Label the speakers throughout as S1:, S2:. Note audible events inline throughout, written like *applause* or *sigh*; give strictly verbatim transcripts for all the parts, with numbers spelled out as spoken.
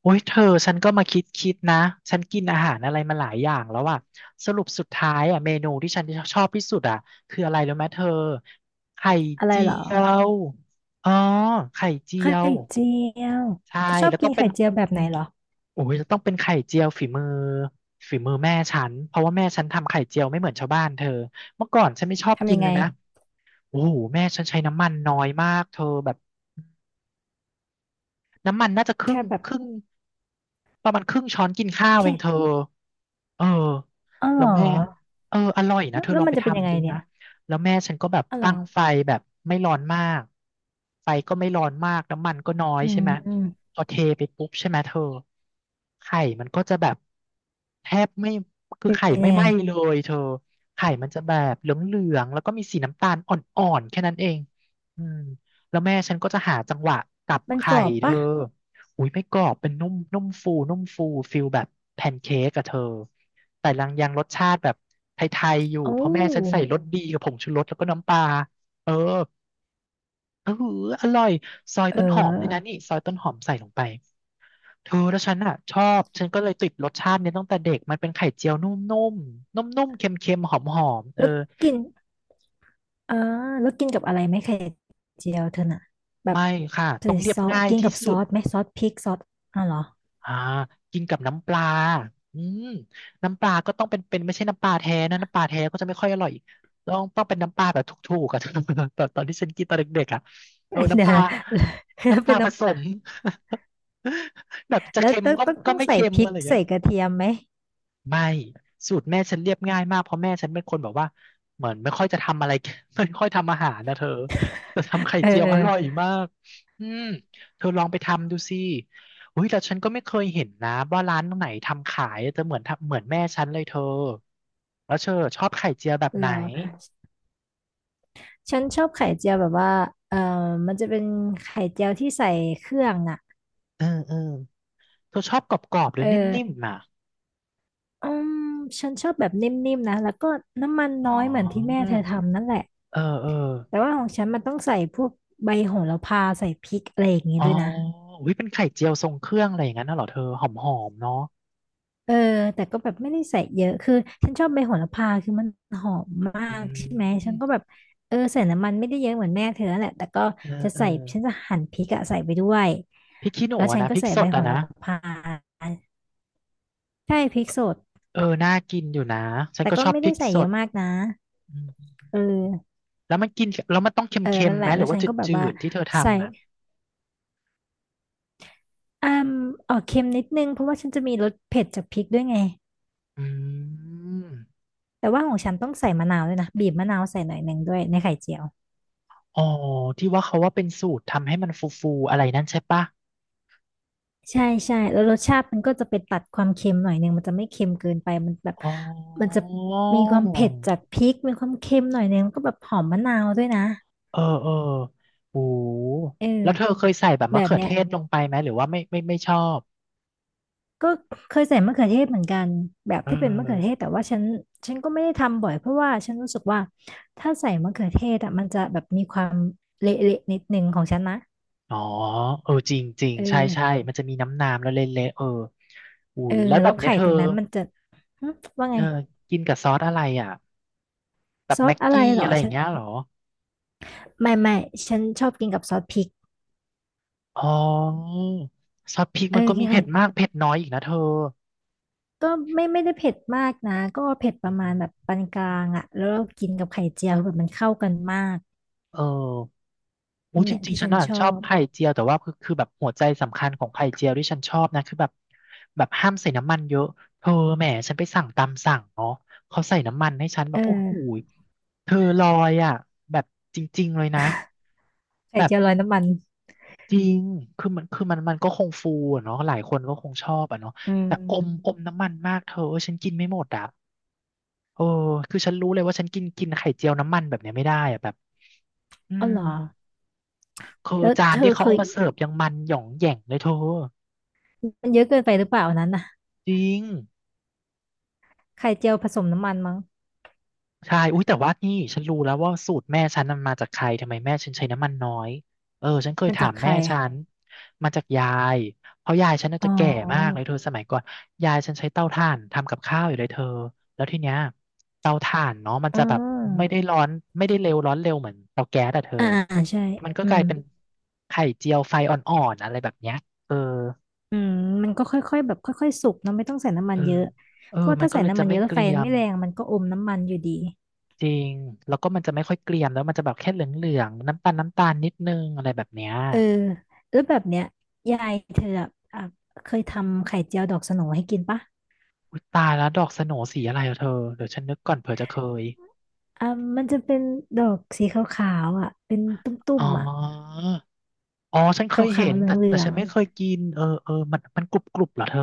S1: โอ้ยเธอฉันก็มาคิดคิดนะฉันกินอาหารอะไรมาหลายอย่างแล้วอะสรุปสุดท้ายอะเมนูที่ฉันชอบที่สุดอะคืออะไรรู้ไหมเธอไข่
S2: อะไร
S1: เจี
S2: เหรอ
S1: ยวอ๋อไข่เจี
S2: ไข่
S1: ยว
S2: เจียว
S1: ใช่
S2: เธอชอบ
S1: แล้ว
S2: กิ
S1: ต้อ
S2: น
S1: งเป็
S2: ไข่
S1: น
S2: เจียวแบบไหนเหรอ
S1: โอ้ยจะต้องเป็นไข่เจียวฝีมือฝีมือแม่ฉันเพราะว่าแม่ฉันทำไข่เจียวไม่เหมือนชาวบ้านเธอเมื่อก่อนฉันไม่ชอบ
S2: ทำ
S1: กิน
S2: ยัง
S1: เล
S2: ไง
S1: ยนะโอ้โหแม่ฉันใช้น้ำมันน้อยมากเธอแบบ น้ำมันน่าจะครึ่
S2: แค่
S1: ง
S2: แบบ
S1: ครึ่งประมาณครึ่งช้อนกินข้าวเองเธ
S2: แค่
S1: อเออ
S2: อ๋อเห
S1: แล้
S2: ร
S1: วแม่
S2: อ
S1: เอออร่อยนะ
S2: แล้ว
S1: เธอ
S2: แล้
S1: ล
S2: ว
S1: อง
S2: มัน
S1: ไป
S2: จะเป็นยังไง
S1: ทำดู
S2: เนี่
S1: นะ
S2: ย
S1: แล้วแม่ฉันก็แบบ
S2: อ๋อเหรอ
S1: ตั้งไฟแบบไม่ร้อนมากไฟก็ไม่ร้อนมากน้ำมันก็น้อย
S2: อื
S1: ใช่
S2: ม
S1: ไหม
S2: อืม
S1: พอเทไปปุ๊บใช่ไหมเธอไข่มันก็จะแบบแทบไม่คือ
S2: เป็น
S1: ไข่ไม่
S2: ยัง
S1: ไห
S2: ไง
S1: ม้เลยเธอไข่มันจะแบบเหลืองๆแล้วก็มีสีน้ำตาลอ่อนๆแค่นั้นเองอืม แล้วแม่ฉันก็จะหาจังหวะตับ
S2: มันก
S1: ไข่
S2: รอบ
S1: เธ
S2: ปะ
S1: อ อุ้ยไม่กรอบเป็นนุ่มนุ่มฟูนุ่มฟู ฟิลแบบแพนเค้กอะเธอ แต่ยังยังรสชาติแบบไทยๆอยู่
S2: โอ้
S1: เพราะแม่ฉันใส่รสดีกับผงชูรสแล้วก็น้ำปลาเออเอออร่อยซอย
S2: เ
S1: ต้นหอมด้วยนะ
S2: ออ
S1: นี่ซอยต้นหอมใส่ลงไป เธอแล้วฉันอ่ะชอบ ฉันก็เลยติดรสชาตินี้ตั้งแต่เด็กมันเป็นไข่เจียวนุ่มๆนุ่มๆเค็มๆหอมๆเออ
S2: แล้วกินอ่าแล้วกินกับอะไรไหมไข่เจียวเธอน่ะแบบ
S1: ไม่ค่ะ
S2: ใส่
S1: ต้องเรีย
S2: ซ
S1: บ
S2: อส
S1: ง่าย
S2: กิน
S1: ที่
S2: กับซ
S1: สุ
S2: อ
S1: ด
S2: สไหมซอสพริกซอสอ๋อเหรอ
S1: อ่ากินกับน้ำปลาอืมน้ำปลาก็ต้องเป็นเป็นไม่ใช่น้ำปลาแท้นะน้ำปลาแท้ก็จะไม่ค่อยอร่อยต้องต้องเป็นน้ำปลาแบบถูกๆอะ *laughs* ตอนตอนที่ฉันกินตอนเด็กๆอะเออ
S2: *laughs*
S1: น้ำ
S2: เดี๋ย
S1: ป
S2: ว
S1: ลา
S2: นะ *laughs* แล้ว
S1: น้ำป
S2: เป็
S1: ลา
S2: น
S1: ผ
S2: น้
S1: สม *laughs* แบบ
S2: ำ
S1: จะ
S2: แล้ว
S1: เค็ม
S2: ต้อง
S1: ก็
S2: ต้อง
S1: ก็
S2: ต้อง
S1: ไม่
S2: ใส่
S1: เค็ม
S2: พริ
S1: อะ
S2: ก
S1: ไรอย่างเงี้
S2: ใส่
S1: ย
S2: กระเทียมไหม
S1: ไม่สูตรแม่ฉันเรียบง่ายมากเพราะแม่ฉันเป็นคนแบบว่าเหมือนไม่ค่อยจะทำอะไร *laughs* ไม่ค่อยทำอาหารนะเธอแต่ทำไข่
S2: เออ
S1: เจียว
S2: เอ
S1: อ
S2: อ
S1: ร่อยมากอืมเธอลองไปทำดูสิอุ้ยแต่ฉันก็ไม่เคยเห็นนะว่าร้านไหนทำขายแต่เหมือนทำเหมือนแม่ฉันเลยเธอแล้วเธอชอบไข่เจียวแบบไห
S2: เห
S1: น
S2: รอ ฉันชอบไข่เจียวแบบว่าเออมันจะเป็นไข่เจียวที่ใส่เครื่องอ่ะ
S1: เออเออเธอชอบกรอบๆหรื
S2: เอ
S1: อ
S2: อ
S1: นิ่มๆอ่ะ
S2: อืมฉันชอบแบบนิ่มๆนะแล้วก็น้ำมัน
S1: อ๋อ
S2: น้อยเหมือนที่แม่เธอทำนั่นแหละ
S1: เออเออ
S2: แต่ว่าของฉันมันต้องใส่พวกใบโหระพาใส่พริกอะไรอย่างงี้
S1: อ๋อ
S2: ด้วยนะ
S1: อุ้ยเป็นไข่เจียวทรงเครื่องอะไรอย่างนั้นน่ะเหรอเธอหอมๆเนาะ
S2: เออแต่ก็แบบไม่ได้ใส่เยอะ คือฉันชอบใบโหระพาคือมันหอมมา
S1: อื
S2: กใช่ไหม ฉันก็แบ
S1: ม
S2: บเออใส่น้ำมันไม่ได้เยอะเหมือนแม่เธอนั่นแหละแต่ก็
S1: เออ
S2: จะ
S1: เออ
S2: ใส่ฉันจะหั่นพริกอะใส่ไปด้วย
S1: พริกขี้หนู
S2: แล้ว
S1: อะ
S2: ฉัน
S1: นะ
S2: ก็
S1: พริก
S2: ใส่
S1: ส
S2: ใบ
S1: ด
S2: โห
S1: อะ
S2: ระ
S1: นะ
S2: พาใช่พริกสด
S1: เออน่ากินอยู่นะฉัน
S2: แต่
S1: ก็
S2: ก็
S1: ชอบ
S2: ไม่
S1: พริ
S2: ได้
S1: ก
S2: ใส่
S1: ส
S2: เย
S1: ด
S2: อะมากนะ
S1: อืม
S2: เออ
S1: แล้วมันกินแล้วมันต้อง
S2: เออ
S1: เค็ม
S2: นั่น
S1: ๆ
S2: แห
S1: ไหม
S2: ละ
S1: ห
S2: แล้
S1: รื
S2: ว
S1: อ
S2: ฉั
S1: ว่า
S2: นก็แบบ
S1: จื
S2: ว่า
S1: ดๆที่เธอ
S2: ใส่
S1: ทำอ่ะ
S2: อ่มออกเค็มนิดนึง เพราะว่าฉันจะมีรสเผ็ดจากพริกด้วยไง
S1: อืม
S2: แต่ว่าของฉันต้องใส่มะนาวด้วยนะบีบมะนาวใส่หน่อยหนึ่งด้วยในไข่เจียว
S1: อ๋อที่ว่าเขาว่าเป็นสูตรทำให้มันฟูๆอะไรนั่นใช่ปะ
S2: ใช่ใช่แล้วรสชาติมันก็จะไปตัดความเค็มหน่อยหนึ่งมันจะไม่เค็มเกินไปมันแบบ
S1: อ๋อ
S2: มันจะมีความเผ็ดจากพริกมีความเค็มหน่อยหนึ่งมันก็แบบหอมมะนาวด้วยนะ
S1: เออเออโอ้
S2: เอ
S1: แล้ว
S2: อ
S1: เธอเคยใส่แบบ
S2: แบ
S1: มะ
S2: บ
S1: เขือ
S2: เนี้
S1: เท
S2: ย
S1: ศลงไปไหมหรือว่าไม่ไม่ไม่ชอบ
S2: ก็เคยใส่มะเขือเทศเหมือนกันแบบ
S1: เอ
S2: ที่เป็นมะเขือเท
S1: อ
S2: ศแต่ว่าฉันฉันก็ไม่ได้ทำบ่อยเพราะว่าฉันรู้สึกว่าถ้าใส่มะเขือเทศอ่ะมันจะแบบมีความเละๆนิดนึงของฉันนะ
S1: อ๋อเออจริงจริง
S2: เอ
S1: ใช่ใช่
S2: อ
S1: มันจะมีน้ำน้ำแล้วเละๆเอออู
S2: เออ
S1: แล้วแบ
S2: แล้
S1: บ
S2: ว
S1: เนี้ย
S2: ไข่
S1: เธอ
S2: ตรงนั้นมันจะหึว่า
S1: เอ
S2: ไง
S1: อกินกับซอสอะไรอ่ะแบบ
S2: ซอ
S1: แม็
S2: ส
S1: ก
S2: อะไร
S1: กี้
S2: เหรอ
S1: อะไรอย่า
S2: ฉั
S1: ง
S2: น
S1: เงี้ยเหรอ
S2: ไม่ไม่ฉันชอบกินกับซอสพริก
S1: อ๋อซอสพริก
S2: เออ
S1: มันก็
S2: กิ
S1: มี
S2: นไข่
S1: เผ็ดมากเผ็ดน้อยอีกนะเธอ
S2: ก็ไม่ไม่ได้เผ็ดมากนะก็เผ็ดป
S1: อื
S2: ระมาณแบบ
S1: ม
S2: ปานกลางอ่ะแล้วเรากินกับไข่เจียวแบบมันเข้ากันมาก
S1: เอออู้
S2: นี่
S1: จ
S2: แหละ
S1: ริง
S2: ที่
S1: ๆ ฉั
S2: ฉั
S1: น
S2: น
S1: อ่ะ
S2: ชอ
S1: ชอบ
S2: บ
S1: ไข่เจียวแต่ว่าคือคือแบบหัวใจสำคัญของไข่เจียวที่ฉันชอบนะคือแบบแบบห้ามใส่น้ำมันเยอะ เธอแหมฉันไปสั่งตามสั่งเนาะเขาใส่น้ำมันให้ฉันแบ
S2: เอ
S1: บโอ้โห
S2: อ
S1: เธอลอยอ่ะแบบจริงๆเลยนะ
S2: ไข่
S1: แบบ
S2: เจียวลอยน้ำมัน
S1: จริงคือมันคือมันมันก็คงฟูอะเนาะหลายคนก็คงชอบอะเนาะ
S2: อืม
S1: แต่อมอมน้ำมันมากเธอฉันกินไม่หมดอะเออคือฉันรู้เลยว่าฉันกินกินไข่เจียวน้ำมันแบบเนี้ยไม่ได้อะแบบ อื
S2: อ๋อ
S1: ม
S2: เหรอ
S1: คือ
S2: แล้ว
S1: จา
S2: เธ
S1: นที่
S2: อ
S1: เขา
S2: เค
S1: เอา
S2: ย
S1: มาเสิร์ฟยังมันหย่องแหย่งเลยเธอ
S2: มันเยอะเกินไปหรือเปล่าอันนั้นน่ะ
S1: จริง
S2: ไข่เจียวผสมน้ำมันมั้ง
S1: ใช่อุ้ยแต่ว่านี่ฉันรู้แล้วว่าสูตรแม่ฉันมันมาจากใครทำไมแม่ฉันใช้น้ำมันน้อยเออฉันเคย
S2: มัน
S1: ถา
S2: จะ
S1: มแม่
S2: ไข่
S1: ฉันมาจากยายเพราะยายฉันน่า
S2: อ๋อ
S1: จะแก่มากเลยเธอสมัยก่อนยายฉันใช้เตาถ่านทำกับข้าวอยู่เลยเธอแล้วทีเนี้ยเตาถ่านเนาะมัน
S2: อื
S1: จะแบบไม่ได้
S2: ม
S1: ร้อนไม่ได้เร็วร้อนเร็วเหมือนเตาแก๊สอะเธอ
S2: อ่าใช่
S1: มันก็
S2: อื
S1: กลา
S2: ม
S1: ยเป็นไข่เจียวไฟอ่อนๆอะไรแบบเนี้ยเออ
S2: อืมมันก็ค่อยๆแบบค่อยๆสุกเนาะไม่ต้องใส่น้ำมัน
S1: เอ
S2: เย
S1: อ
S2: อะ
S1: เอ
S2: เพ
S1: อ
S2: ราะว่า
S1: มัน
S2: ถ้า
S1: ก็
S2: ใส่
S1: เลย
S2: น้ำ
S1: จะ
S2: มันเย
S1: ไม่
S2: อะแล้
S1: เก
S2: วไฟ
S1: รี
S2: มั
S1: ย
S2: น
S1: ม
S2: ไม่แรงมันก็อมน้ำมันอยู่ดี
S1: จริงแล้วก็มันจะไม่ค่อยเกรียมแล้วมันจะแบบแค่เหลืองๆน้ำตาลน้ำตาลนิดนึงอะไรแบบเนี้ย
S2: เออแล้วแบบเนี้ยยายเธออะอ่ะเคยทำไข่เจียวดอกสโหนให้กินปะ
S1: อุ๊ยตายแล้วดอกสโหน่สีอะไรอะเธอเดี๋ยวฉันนึกก่อนเผื่อจะเคย
S2: อ่ะมันจะเป็นดอกสีขาวๆอ่ะเป็นตุ่
S1: อ๋อ
S2: มๆอ่ะ
S1: อ๋อฉันเค
S2: ข
S1: ยเห็
S2: าวๆ
S1: น
S2: เห
S1: แต่
S2: ลื
S1: แต่
S2: อ
S1: ฉัน
S2: ง
S1: ไม่เคยกินเออเออมันมันกรุบกรุบเหรอเธอ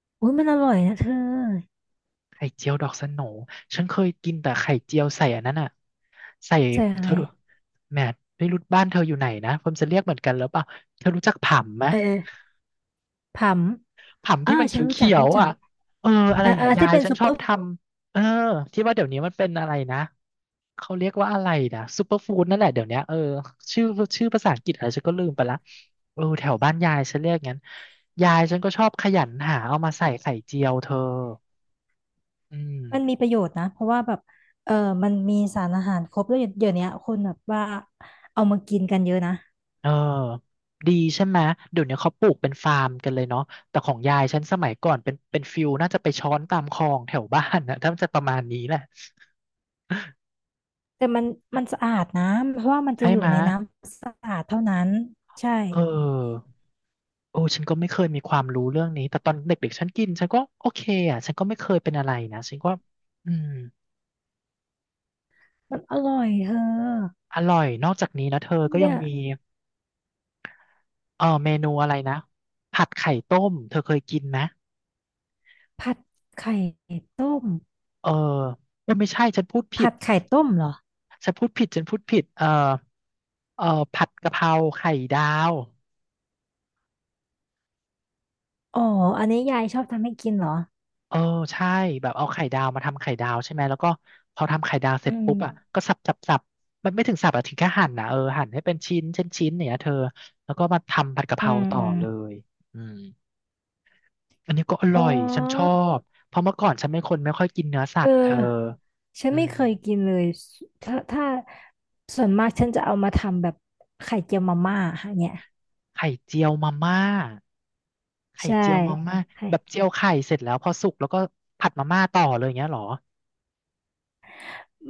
S2: ๆอุ้ยมันอร่อยนะเธอ
S1: ไข่เจียวดอกสโหน่ฉันเคยกินแต่ไข่เจียวใส่อันนั้นอ่ะใส่
S2: ใส่อะ
S1: เธ
S2: ไร
S1: อดูแหมไม่รู้บ้านเธออยู่ไหนนะผมจะเรียกเหมือนกันหรือเปล่าเธอรู้จักผำไหม
S2: เออ ผัม
S1: ผัม
S2: อ่า
S1: ที่มันเ
S2: ฉันรู้
S1: ขี
S2: จัก
S1: ยว
S2: รู้
S1: ๆ
S2: จั
S1: อ่ะ
S2: ก
S1: เอออะไรอ
S2: อ่า
S1: ย่าง
S2: อ่า
S1: เงี้ยยา
S2: ที่
S1: ย
S2: เป็น
S1: ฉัน
S2: ซู
S1: ช
S2: เป
S1: อ
S2: อ
S1: บ
S2: ร์
S1: ทำ เออที่ว่าเดี๋ยวนี้มันเป็นอะไรนะ เขาเรียกว่าอะไรนะซูเปอร์ฟู้ดนั่นแหละเดี๋ยวเนี้ยเออชื่อชื่อภาษาอังกฤษอะไรฉันก็ลืมไปละเออแถวบ้านยายฉันเรียกงั้นยายฉันก็ชอบขยันหาเอามาใส่ไข่เจียวเธออืม
S2: มันมีประโยชน์นะเพราะว่าแบบเออมันมีสารอาหารครบแล้วเดี๋ยวเนี้ยคนแบบว่าเอามากินกันเยอะนะ
S1: เออดีใช่ไหมเดี๋ยวนี้เขาปลูกเป็นฟาร์มกันเลยเนาะแต่ของยายฉันสมัยก่อนเป็นเป็นฟิลน่าจะไปช้อนตามคลองแถวบ้านนะถ้ามันจะประมาณนี้แหละ
S2: แต่มันมันสะอาดนะเพราะว่ามันจะ
S1: ใช่
S2: อยู่
S1: ไหม
S2: ใน
S1: ย
S2: น้ำสะอาดเท่านั้นใช่
S1: เออ โอ้ฉันก็ไม่เคยมีความรู้เรื่องนี้แต่ตอนเด็กๆฉันกินฉันก็โอเคอ่ะฉันก็ไม่เคยเป็นอะไรนะฉันก็อืม
S2: มันอร่อยเธอ
S1: อร่อยนอกจากนี้นะเธอก็ยั
S2: เนี่
S1: ง
S2: ย
S1: มีเออเมนูอะไรนะผัดไข่ต้มเธอเคยกินไหม
S2: ผัดไข่ต้ม
S1: เออเออไม่ใช่ฉันพูดผิ
S2: ผั
S1: ด
S2: ดไข่ต้มเหรอ
S1: ฉันพูดผิดฉันพูดผิดเออเออผัดกะเพราไข่ดาว
S2: อ๋ออันนี้ยายชอบทำให้กินเหรอ
S1: เออใช่แบบเอาไข่ดาวมาทำไข่ดาวใช่ไหมแล้วก็พอทำไข่ดาวเสร็
S2: อื
S1: จปุ๊บอ่ะ
S2: ม
S1: ก็สับสับสับมันไม่ถึงสับอะถึงแค่หั่นนะเออหั่นให้เป็นชิ้นชิ้นชิ้นเนี่ยเธอแล้วก็มาทำผัดกะเพ
S2: อื
S1: รา
S2: ม
S1: ต่อ
S2: อืม
S1: เลยอืมอันนี้ก็อ
S2: อ๋
S1: ร่อ
S2: อ
S1: ยฉันชอบเพราะเมื่อก่อนฉันเป็นคนไม่ค่อยกินเนื้อสั
S2: เออ
S1: ตว์เธอ
S2: ฉัน
S1: อื
S2: ไม่
S1: ม
S2: เคยกินเลยถ้าถ้าส่วนมากฉันจะเอามาทำแบบไข่เจียวมาม่าค่ะเนี่ย
S1: ไข่เจียวมาม่าไข่
S2: ใช่
S1: เจียวมาม่า
S2: ไข่
S1: แบบเจียวไข่เสร็จแล้วพอสุกแล้วก็ผัดมาม่าต่อเลยอย่างเงี้ยเหรอ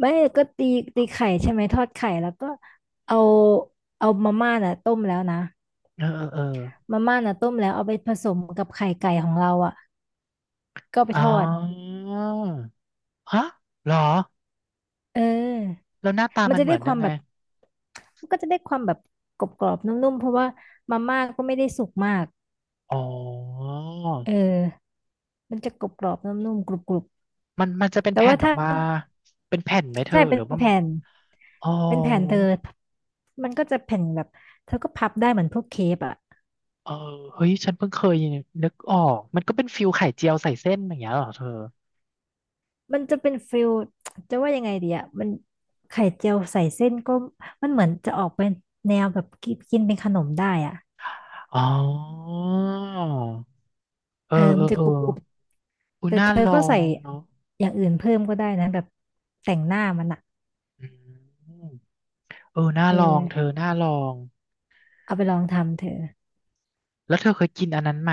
S2: ไม่ก็ตีตีไข่ใช่ไหมทอดไข่แล้วก็เอาเอามาม่าน่ะต้มแล้วนะ
S1: เออเออเออ
S2: มาม่าน่ะต้มแล้วเอาไปผสมกับไข่ไก่ของเราอ่ะก็เอาไป
S1: อ๋
S2: ท
S1: อ
S2: อด
S1: ฮะเหรอ
S2: เออ
S1: แล้วหน้าตา
S2: มัน
S1: มัน
S2: จะ
S1: เหมื
S2: ได้
S1: อน
S2: ค
S1: ยั
S2: วา
S1: ง
S2: ม
S1: ไง
S2: แบบมันก็จะได้ความแบบกรอบๆนุ่มๆเพราะว่ามาม่าก็ไม่ได้สุกมาก
S1: อ๋อ
S2: เออมันจะกรอบๆนุ่มๆกรุบ
S1: มันมันจะเป็
S2: ๆ
S1: น
S2: แต่
S1: แผ่
S2: ว่า
S1: นออก
S2: ถ้า
S1: มา เป็นแผ่นไหมเธอ
S2: ใช่
S1: ห
S2: เป็
S1: รื
S2: น
S1: อว่า
S2: แผ่น
S1: อ๋อ
S2: เป็นแผ่นเธอมันก็จะแผ่นแบบเธอก็พับได้เหมือนพวกเค้กอ่ะ
S1: เออเฮ้ยฉันเพิ่งเคยนึกออกมันก็เป็นฟิลไข่เจียวใส่เส้นอย่างเงี้ยเหรอเธอ
S2: มันจะเป็นฟิลจะว่ายังไงดีอ่ะมันไข่เจียวใส่เส้นก็มันเหมือนจะออกเป็นแนวแบบกินกินเป็นขนมได้อ่ะ
S1: อ๋อเออ
S2: เออ
S1: เอ
S2: มั
S1: อ
S2: นจะ
S1: เออ
S2: กรุบกรุบ
S1: อุย
S2: แต่
S1: น่า
S2: เธอ
S1: ล
S2: ก็
S1: อ
S2: ใส่
S1: งเนาะ
S2: อย่างอื่นเพิ่มก็ได้นะแบบแต่งหน้ามันอ่ะ
S1: อืมเออน่า
S2: เอ
S1: ลองเธ
S2: อ
S1: อน่าลอง
S2: เอาไปลองทำเธอ
S1: แล้วเธอเคยกินอันนั้นไหม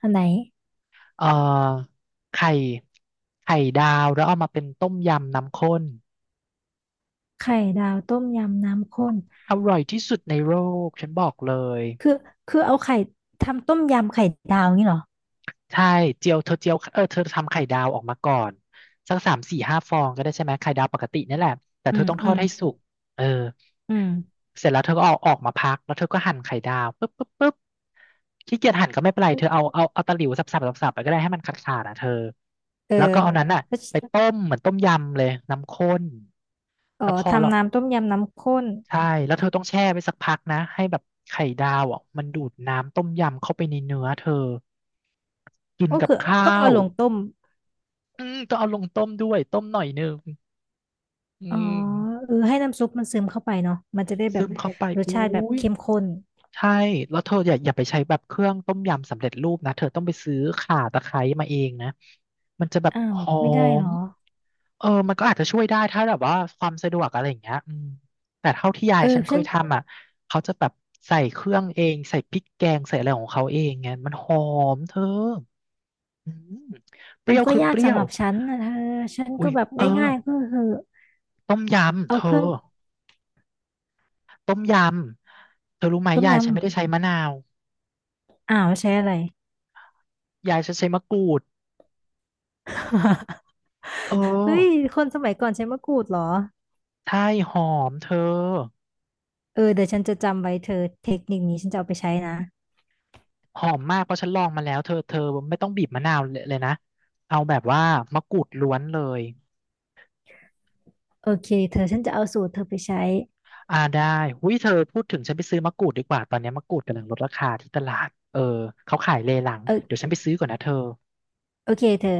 S2: อันไหน
S1: เออไข่ไข่ดาวแล้วเอามาเป็นต้มยำน้ำข้น
S2: ไข่ดาวต้มยำน้ำข้น
S1: อร่อยที่สุดในโลกฉันบอกเลย
S2: คือคือเอาไข่ทำต้มยำไข่ดาวงี้เหรอ
S1: ใช่เจียวเธอเจียวเออเธอทำไข่ดาวออกมาก่อนสักสามสี่ห้าฟองก็ได้ใช่ไหมไข่ดาวปกตินี่แหละแต่
S2: อื
S1: เธอ
S2: ม
S1: ต้องท
S2: อื
S1: อด
S2: ม
S1: ให้สุกเออ
S2: อืม
S1: เสร็จแล้วเธอก็เอาออกมาพักแล้วเธอก็หั่นไข่ดาวปุ๊บปุ๊บปุ๊บขี้เกียจหั่นก็ไม่เป็นไรเธอเอาเอาเอาตะหลิวสับสับสับสับไปก็ได้ให้มันขาดขาดอ่ะเธอ
S2: เออ
S1: แล้วก็เอานั้นน่ะ
S2: แล้ว
S1: ไปต้มเหมือนต้มยำเลยน้ำข้น
S2: เอ
S1: แล้ว
S2: อ
S1: พอแล้ว
S2: ทำน้ำต้มยำน้ำข้น
S1: ใช่แล้วเธอต้องแช่ไว้สักพักนะให้แบบไข่ดาวอ่ะมันดูดน้ำต้มยำเข้าไปในเนื้อเธอกิน
S2: ก็
S1: กับ
S2: คือ
S1: ข้า
S2: ต้องเอา
S1: ว
S2: ลงต้ม
S1: อืมต้องเอาลงต้มด้วยต้มหน่อยหนึงอื
S2: อ๋อ
S1: ม
S2: เออให้น้ำซุปมันซึมเข้าไปเนาะมันจะได้แบ
S1: ซึ
S2: บ
S1: มเข้าไป
S2: รส
S1: อุ้
S2: ชาติแบบ
S1: ย
S2: เข้มข้น
S1: ใช่แล้วเธออย่าอย่าไปใช้แบบเครื่องต้มยำสำเร็จรูปนะเธอต้องไปซื้อข่าตะไคร้มาเองนะมันจะแบบ
S2: อ้า
S1: ห
S2: ว
S1: อ
S2: ไม่ได้เหร
S1: ม
S2: อ
S1: เออมันก็อาจจะช่วยได้ถ้าแบบว่าความสะดวกอะไรอย่างเงี้ยอืมแต่เท่าที่ยาย
S2: เออ
S1: ฉันเค
S2: ฉั
S1: ย
S2: น
S1: ทำอ่ะเขาจะแบบใส่เครื่องเองใส่พริกแกงใส่อะไรของเขาเองไงมันหอมเธออืมเป
S2: มั
S1: รี้
S2: น
S1: ยว
S2: ก็
S1: คือ
S2: ยา
S1: เป
S2: ก
S1: รี้ย
S2: สำห
S1: ว
S2: รับฉันนะเธอฉัน
S1: อุ้
S2: ก็
S1: ย
S2: แบบ
S1: เออ
S2: ง่ายๆก็คือ
S1: ต้มยำ
S2: เอา
S1: เธ
S2: เครื่อ
S1: อ
S2: ง
S1: ต้มยำเธอรู้ไหม
S2: ต้ม
S1: ยา
S2: ย
S1: ยฉันไม่ได้ใช้มะนาว
S2: ำอ้าวใช้อะไร
S1: ยายฉันใช้มะกรูด
S2: *laughs*
S1: เออ
S2: เฮ้ยคนสมัยก่อนใช้มะกรูดเหรอ
S1: ใช่หอมเธอ
S2: เออเดี๋ยวฉันจะจำไว้เธอเทคนิคนี้ฉันจะเอาไปใช้นะ
S1: หอมมากเพราะฉันลองมาแล้วเธอเธอไม่ต้องบีบมะนาวเลยนะเอาแบบว่ามะกรูดล้วนเลย
S2: โอเคเธอฉันจะเอาสูตรเธอไปใช้
S1: อ่าได้หุ้ยเธอพูดถึงฉันไปซื้อมะกรูดดีกว่าตอนนี้มะกรูดกำลังลดราคาที่ตลาดเออเขาขายเลหลังเดี๋ยว
S2: เออ
S1: ฉันไปซื้อก่อนนะเธอ
S2: โอเคเธอ